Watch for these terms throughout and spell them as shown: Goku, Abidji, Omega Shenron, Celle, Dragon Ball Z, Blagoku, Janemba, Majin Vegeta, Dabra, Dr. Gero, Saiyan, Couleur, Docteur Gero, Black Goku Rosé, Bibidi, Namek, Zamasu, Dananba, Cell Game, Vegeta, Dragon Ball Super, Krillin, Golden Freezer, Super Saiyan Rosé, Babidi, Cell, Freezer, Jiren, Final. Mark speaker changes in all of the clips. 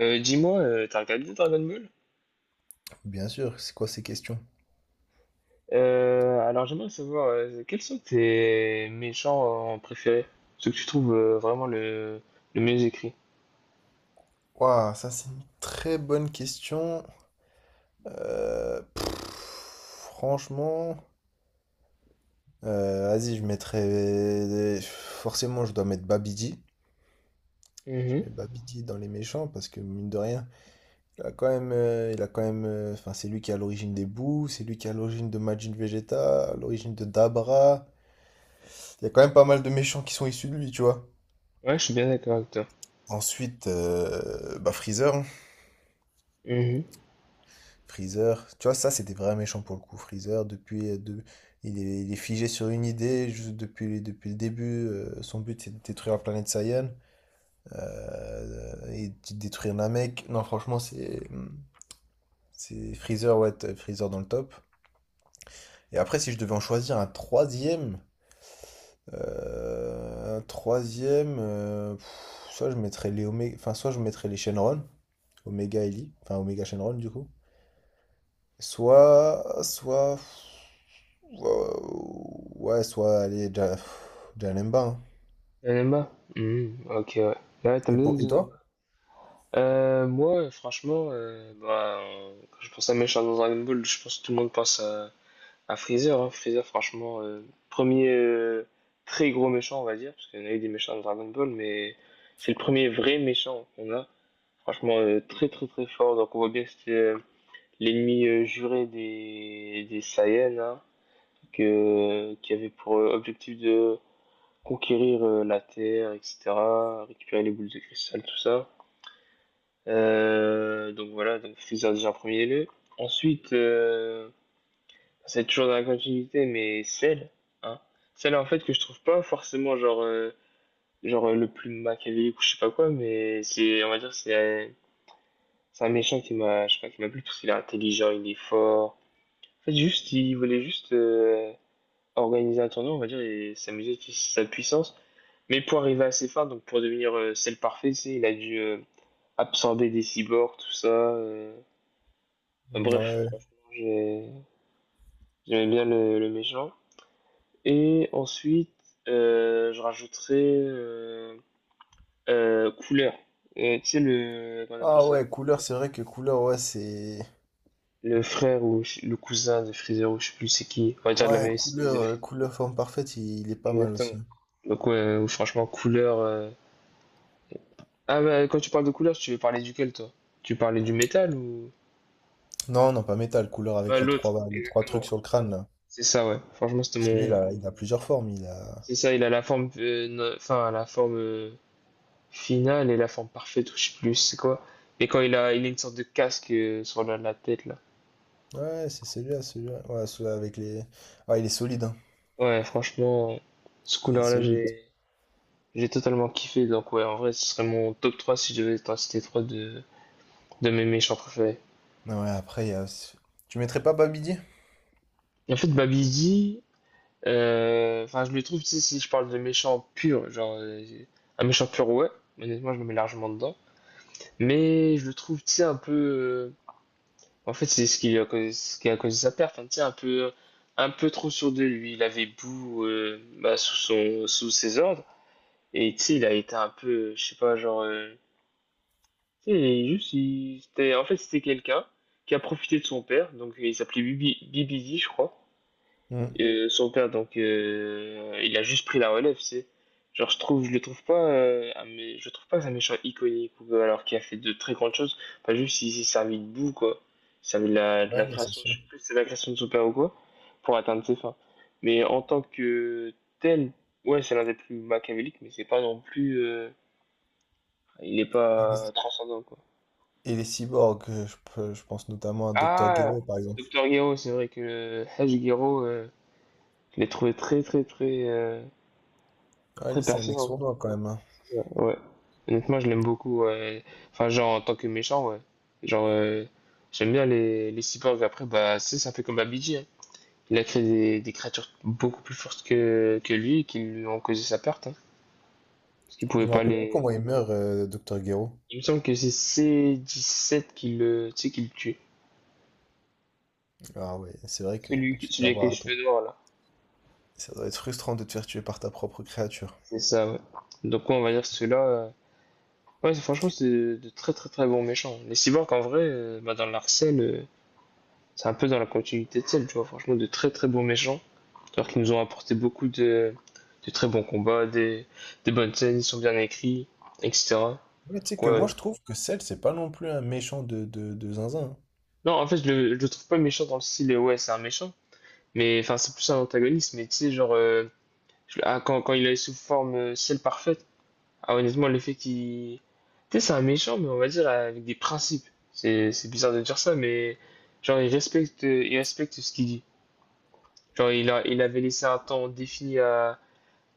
Speaker 1: Dis-moi, t'as regardé Dragon Ball?
Speaker 2: Bien sûr, c'est quoi ces questions?
Speaker 1: Alors j'aimerais savoir quels sont tes méchants préférés, ceux que tu trouves vraiment le mieux écrit.
Speaker 2: Waouh, ça c'est une très bonne question. Franchement, vas-y, je mettrais. Forcément, je dois mettre Babidi. Je
Speaker 1: Mhm.
Speaker 2: mets Babidi dans les méchants parce que mine de rien, il a quand même, il a quand même, enfin, c'est lui qui est à l'origine des Boo, c'est lui qui est à l'origine de Majin Vegeta, à l'origine de Dabra. Il y a quand même pas mal de méchants qui sont issus de lui, tu vois.
Speaker 1: Ouais, je suis bien d'accord avec toi.
Speaker 2: Ensuite, bah Freezer, hein.
Speaker 1: Mhm.
Speaker 2: Freezer, tu vois, ça c'était vraiment méchant pour le coup. Freezer, il est figé sur une idée juste depuis le début. Son but c'est de détruire la planète Saiyan et de détruire Namek. Non, franchement, c'est Freezer, ouais, Freezer dans le top. Et après, si je devais en choisir un troisième, soit je mettrais les enfin, soit je mettrais les Shenron, Omega et Lee, enfin Omega Shenron du coup. Soit, soit, Ouah, ouais, Janemba, hein.
Speaker 1: Dananba. Mhm. Ok, ouais. Ouais, t'aimes
Speaker 2: Et
Speaker 1: bien Dananba.
Speaker 2: toi?
Speaker 1: Moi, franchement, bah, quand je pense à méchant dans Dragon Ball, je pense que tout le monde pense à Freezer, hein, Freezer, franchement, premier très gros méchant, on va dire, parce qu'il y en a eu des méchants dans Dragon Ball, mais c'est le premier vrai méchant qu'on a. Franchement, très très très fort. Donc on voit bien que c'était l'ennemi juré des Saiyans, hein, qui avait pour objectif de conquérir la Terre, etc., récupérer les boules de cristal, tout ça. Donc voilà, donc Freezer déjà en premier lieu. Ensuite, c'est toujours dans la continuité, mais celle, hein. Celle en fait que je trouve pas forcément genre, genre le plus machiavélique ou je sais pas quoi, mais c'est, on va dire, c'est un méchant qui m'a, je sais pas, qui m'a plu parce qu'il est intelligent, il est fort. En fait, juste, il voulait juste organiser un tournoi, on va dire, et s'amuser de sa puissance. Mais pour arriver à ses fins, donc pour devenir celle parfaite, tu sais, il a dû absorber des cyborgs, tout ça. Enfin, bref,
Speaker 2: Ouais.
Speaker 1: franchement, j'aimais bien le méchant. Et ensuite, je rajouterai Couleur. Tu sais, le, comment on appelle
Speaker 2: Ah
Speaker 1: ça?
Speaker 2: ouais, couleur, c'est vrai que couleur, ouais, c'est.
Speaker 1: Le frère ou le cousin de Freezer, ou je sais plus c'est qui. On va dire de la même
Speaker 2: Ouais,
Speaker 1: espèce de
Speaker 2: couleur,
Speaker 1: Freezer.
Speaker 2: couleur forme parfaite, il est pas mal
Speaker 1: Exactement.
Speaker 2: aussi, hein.
Speaker 1: Donc, ouais, ou franchement, Couleur. Ah, bah, quand tu parles de Couleur, tu veux parler duquel, toi? Tu parlais du métal ou.
Speaker 2: Non, non, pas métal, couleur
Speaker 1: Ouais,
Speaker 2: avec
Speaker 1: l'autre,
Speaker 2: les trois trucs
Speaker 1: exactement.
Speaker 2: sur le crâne là.
Speaker 1: C'est ça, ouais. Franchement, c'était
Speaker 2: Parce que lui,
Speaker 1: mon.
Speaker 2: il a plusieurs formes. Il a...
Speaker 1: C'est ça, il a la forme. Enfin, la forme. Final est la forme parfaite, ou je sais plus c'est quoi. Mais il a une sorte de casque sur la tête là.
Speaker 2: Ouais, celui-là. Ouais, celui-là avec les. Ouais, il est solide, hein.
Speaker 1: Ouais, franchement, ce
Speaker 2: Il est
Speaker 1: couleur là
Speaker 2: solide.
Speaker 1: j'ai totalement kiffé. Donc ouais, en vrai, ce serait mon top 3 si je devais en citer 3 de mes méchants préférés.
Speaker 2: Ah ouais, après, il y a... Tu mettrais pas Babidi?
Speaker 1: Et en fait, Babidi, enfin, je le trouve, tu sais, si je parle de méchant pur, genre, un méchant pur, ouais, honnêtement, je me mets largement dedans. Mais je le trouve, tu sais, un peu, en fait, c'est ce qui lui a causé, ce qui a causé sa perte. Hein. Tu sais, un peu trop sûr de lui. Il avait Boo bah, sous ses ordres. Et tu sais, il a été un peu, je sais pas, genre. Tu sais, juste, c'était, en fait, c'était quelqu'un qui a profité de son père. Donc, il s'appelait Bibidi, je crois.
Speaker 2: Hmm.
Speaker 1: Son père, donc, il a juste pris la relève, c'est. Genre, je le trouve pas, je trouve pas que c'est un méchant iconique, ou, alors qu'il a fait de très grandes choses. Enfin, juste, il s'est servi de boue, quoi. Il s'est servi de de la
Speaker 2: Ouais, non, c'est
Speaker 1: création, je
Speaker 2: sûr.
Speaker 1: sais plus si c'est la création de son père ou quoi, pour atteindre ses fins. Mais en tant que tel, ouais, c'est l'un des plus machiavéliques, mais c'est pas non plus, il est pas transcendant, quoi.
Speaker 2: Et les cyborgs, je pense notamment à Dr.
Speaker 1: Ah,
Speaker 2: Gero par exemple.
Speaker 1: Docteur Gero, c'est vrai que Haj euh, je l'ai trouvé très, très, très,
Speaker 2: Ah,
Speaker 1: très
Speaker 2: lui, c'est un mec
Speaker 1: pertinent.
Speaker 2: sournois quand même, hein.
Speaker 1: C'est ça, ouais. Honnêtement, je l'aime beaucoup. Ouais. Enfin, genre, en tant que méchant, ouais. Genre, j'aime bien les cyborgs. Après, bah, ça fait comme Abidji, hein. Il a créé des créatures beaucoup plus fortes que lui et qui lui ont causé sa perte, hein. Parce qu'il
Speaker 2: Je
Speaker 1: pouvait
Speaker 2: me
Speaker 1: pas
Speaker 2: rappelle plus
Speaker 1: les...
Speaker 2: comment il meurt, Dr. Gero.
Speaker 1: Il me semble que c'est C17 qui tu sais, qui le tue.
Speaker 2: Ah ouais, c'est vrai que tu te fais
Speaker 1: Celui avec les
Speaker 2: avoir à toi.
Speaker 1: cheveux noirs, là.
Speaker 2: Ça doit être frustrant de te faire tuer par ta propre créature.
Speaker 1: C'est ça, ouais. Donc, ouais, on va dire que ceux-là... Ouais, franchement, c'est de très, très, très bons méchants. Les cyborgs, en vrai, bah, dans l'arcel c'est un peu dans la continuité de celle, tu vois, franchement, de très très bons méchants, alors qu'ils nous ont apporté beaucoup de très bons combats, des bonnes scènes, ils sont bien écrits, etc.
Speaker 2: Ouais, tu sais
Speaker 1: Donc,
Speaker 2: que moi,
Speaker 1: ouais.
Speaker 2: je trouve que Cell, c'est pas non plus un méchant de zinzin, hein.
Speaker 1: Non, en fait, je le trouve pas méchant dans le style, ouais, c'est un méchant, mais enfin, c'est plus un antagoniste, mais tu sais, genre, ah, quand il est sous forme ciel parfaite, ah, honnêtement, le fait qu'il. Tu sais, c'est un méchant, mais on va dire avec des principes. C'est bizarre de dire ça, mais genre, il respecte ce qu'il dit. Genre, il avait laissé un temps défini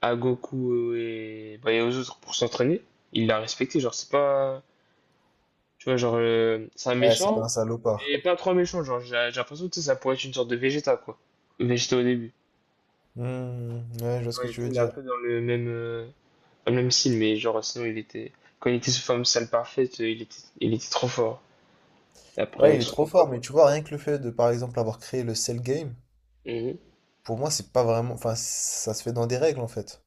Speaker 1: à Goku bah, et aux autres pour s'entraîner. Il l'a respecté, genre, c'est pas. Tu vois, genre, c'est un
Speaker 2: Ouais, c'est pas
Speaker 1: méchant,
Speaker 2: un salopard.
Speaker 1: mais pas trop un méchant. Genre, j'ai l'impression que tu sais, ça pourrait être une sorte de Vegeta, quoi. Vegeta au début.
Speaker 2: Hmm, ouais, je vois ce que
Speaker 1: Ouais, tu
Speaker 2: tu veux
Speaker 1: sais, il est un
Speaker 2: dire.
Speaker 1: peu dans dans le même style, mais genre, sinon, il était. Quand il était sous forme sale parfaite, il était trop fort. Et après,
Speaker 2: Ouais, il
Speaker 1: avec
Speaker 2: est
Speaker 1: son
Speaker 2: trop
Speaker 1: combat,
Speaker 2: fort, mais
Speaker 1: quoi.
Speaker 2: tu vois, rien que le fait de, par exemple, avoir créé le Cell Game,
Speaker 1: Mhm.
Speaker 2: pour moi, c'est pas vraiment. Enfin, ça se fait dans des règles en fait.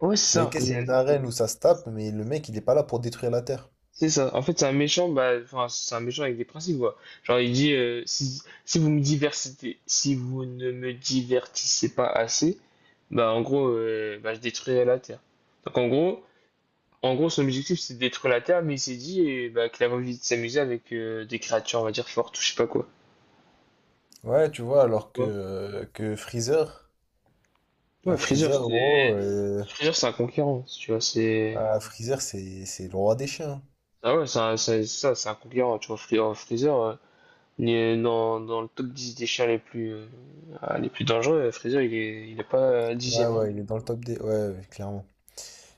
Speaker 1: Ouais, c'est
Speaker 2: C'est
Speaker 1: ça.
Speaker 2: ok, c'est une arène où ça se tape, mais le mec, il est pas là pour détruire la Terre.
Speaker 1: C'est ça. En fait, c'est un méchant, bah, enfin, c'est un méchant avec des principes, quoi. Genre, il dit, si vous me diversitez, si vous ne me divertissez pas assez, bah, en gros, bah, je détruirai la Terre. Donc, en gros, son objectif, c'est de détruire la Terre, mais il s'est dit, bah, qu'il avait envie de s'amuser avec des créatures, on va dire, fortes ou je sais pas quoi.
Speaker 2: Ouais, tu vois, alors
Speaker 1: Tu
Speaker 2: que,
Speaker 1: vois.
Speaker 2: euh, que Freezer,
Speaker 1: Ouais,
Speaker 2: bah,
Speaker 1: Freezer,
Speaker 2: Freezer,
Speaker 1: c'était...
Speaker 2: gros,
Speaker 1: Freezer, c'est un conquérant, tu vois, c'est...
Speaker 2: ah, Freezer, c'est le roi des chiens.
Speaker 1: Ah ouais, c'est ça, c'est un conquérant, tu vois, Freezer, Mais dans le top 10 des chiens ah, les plus dangereux, Freezer, il est pas
Speaker 2: Ouais,
Speaker 1: dixième. Hein.
Speaker 2: ouais, il est dans le top des... Ouais, ouais, clairement.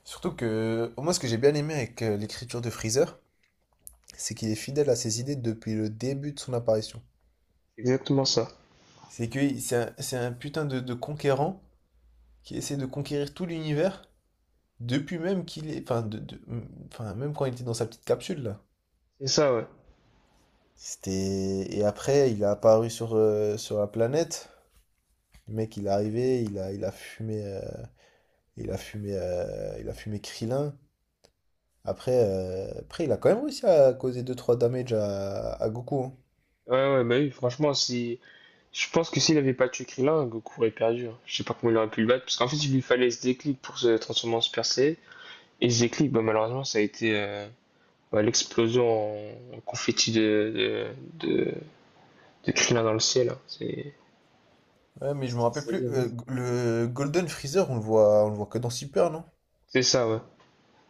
Speaker 2: Surtout que, moi, ce que j'ai bien aimé avec l'écriture de Freezer, c'est qu'il est fidèle à ses idées depuis le début de son apparition.
Speaker 1: C'est exactement ça.
Speaker 2: C'est que c'est un putain de conquérant qui essaie de conquérir tout l'univers, depuis même qu'il est... Enfin, enfin, même quand il était dans sa petite capsule, là.
Speaker 1: C'est ça, ouais.
Speaker 2: C'était... Et après, il est apparu sur, sur la planète. Le mec, il est arrivé, il a fumé, il a fumé Krillin. Après, il a quand même réussi à causer deux trois damage à Goku, hein.
Speaker 1: Ouais, ouais, bah oui, franchement, si... Je pense que s'il avait pas tué Krillin, Goku aurait perdu. Hein. Je sais pas comment il aurait pu le battre, parce qu'en fait, il lui fallait ce déclic pour se transformer en Super Saiyan. Et ce déclic, bah, malheureusement, ça a été bah, l'explosion en confetti de, de, de Krillin dans le ciel. Hein. C'est
Speaker 2: Ouais, mais je
Speaker 1: c'est
Speaker 2: me rappelle
Speaker 1: triste à
Speaker 2: plus.
Speaker 1: mais-
Speaker 2: Le Golden Freezer, on le voit que dans Super, non?
Speaker 1: C'est ça, ouais.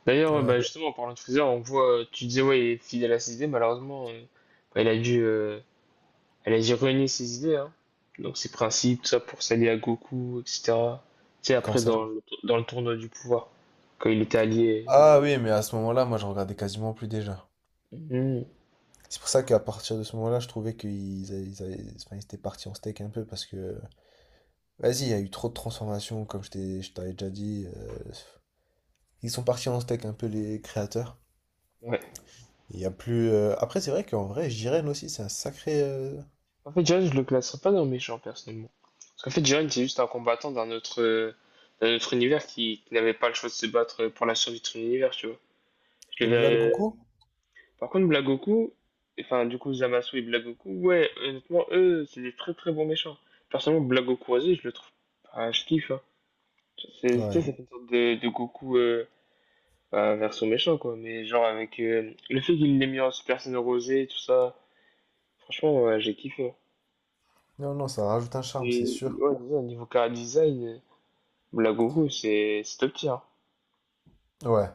Speaker 1: D'ailleurs,
Speaker 2: Ouais.
Speaker 1: bah, justement, en parlant de Freezer, on voit, tu disais, ouais, il est fidèle à ses idées, malheureusement, bah, elle a dû renier ses idées, hein. Donc ses principes, tout ça pour s'allier à Goku, etc. Tu sais,
Speaker 2: Quand
Speaker 1: après,
Speaker 2: ça?
Speaker 1: dans dans le tournoi du pouvoir, quand il était allié.
Speaker 2: Ah oui, mais à ce moment-là, moi, je regardais quasiment plus déjà.
Speaker 1: Mhm.
Speaker 2: C'est pour ça qu'à partir de ce moment-là, je trouvais qu'ils a- ils a- enfin, ils étaient partis en steak un peu parce que vas-y, il y a eu trop de transformations, comme je t'avais déjà dit. Ils sont partis en steak un peu les créateurs.
Speaker 1: Ouais.
Speaker 2: Il y a plus. Après, c'est vrai qu'en vrai, Jiren aussi, c'est un sacré.
Speaker 1: En fait, Jiren, je le classerais pas dans le méchant, personnellement. Parce qu'en fait, Jiren, c'est juste un combattant d'un autre univers qui n'avait pas le choix de se battre pour la survie de son univers, tu vois. Je
Speaker 2: Et
Speaker 1: le
Speaker 2: Black
Speaker 1: verrais.
Speaker 2: Goku?
Speaker 1: Par contre, Blagoku, enfin, du coup, Zamasu et Blagoku, ouais, honnêtement, eux, c'est des très très bons méchants. Personnellement, Blagoku, vas-y, je le trouve. Ah, je kiffe, hein. C'est, tu sais,
Speaker 2: Ouais.
Speaker 1: ça fait une sorte de Goku bah, version méchant, quoi. Mais genre, avec le fait qu'il l'ait mis en Super Saiyan Rosé et tout ça, franchement, ouais, j'ai kiffé. Hein.
Speaker 2: Non, non, ça rajoute un charme, c'est
Speaker 1: Et
Speaker 2: sûr.
Speaker 1: ouais, c'est ça, au niveau chara design, Blagoku, c'est top tier.
Speaker 2: Ouais.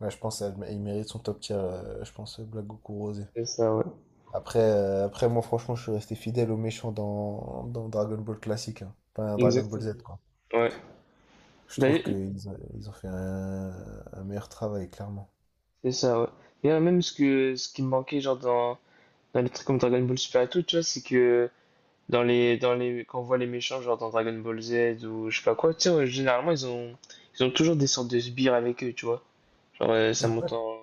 Speaker 2: Ouais, je pense qu'il mérite son top tier. Je pense Black Goku Rosé.
Speaker 1: C'est ça, ouais.
Speaker 2: Après, moi, franchement, je suis resté fidèle aux méchants dans Dragon Ball classique, hein. Enfin, Dragon Ball
Speaker 1: Exactement.
Speaker 2: Z, quoi.
Speaker 1: Ouais.
Speaker 2: Je trouve
Speaker 1: D'ailleurs,
Speaker 2: ils ont fait un meilleur travail, clairement.
Speaker 1: c'est ça, ouais. D'ailleurs, même ce que ce qui me manquait, genre, dans. Non, le truc comme Dragon Ball Super et tout, tu vois, c'est que dans les, quand on voit les méchants, genre dans Dragon Ball Z ou je sais pas quoi, tu sais, généralement, ils ont toujours des sortes de sbires avec eux, tu vois. Genre, ça monte en...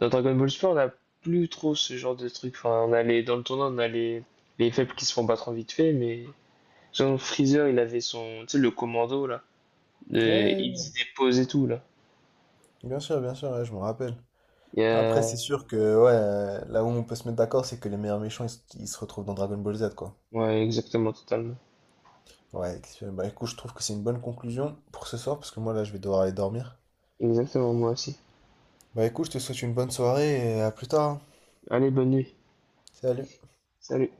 Speaker 1: Dans Dragon Ball Super, on a plus trop ce genre de truc. Enfin, dans le tournoi, on a les faibles qui se font battre en vite fait, mais... Genre, Freezer, il avait son, tu sais, le commando, là. Il
Speaker 2: Ouais,
Speaker 1: faisait des poses et tout, là.
Speaker 2: bien sûr, ouais, je me rappelle.
Speaker 1: Il y
Speaker 2: Après,
Speaker 1: a...
Speaker 2: c'est sûr que ouais, là où on peut se mettre d'accord, c'est que les meilleurs méchants, ils se retrouvent dans Dragon Ball Z, quoi.
Speaker 1: Ouais, exactement, totalement.
Speaker 2: Ouais, excellent. Bah écoute, je trouve que c'est une bonne conclusion pour ce soir, parce que moi, là, je vais devoir aller dormir.
Speaker 1: Exactement, moi aussi.
Speaker 2: Bah écoute, je te souhaite une bonne soirée et à plus tard, hein.
Speaker 1: Allez, bonne nuit.
Speaker 2: Salut.
Speaker 1: Salut.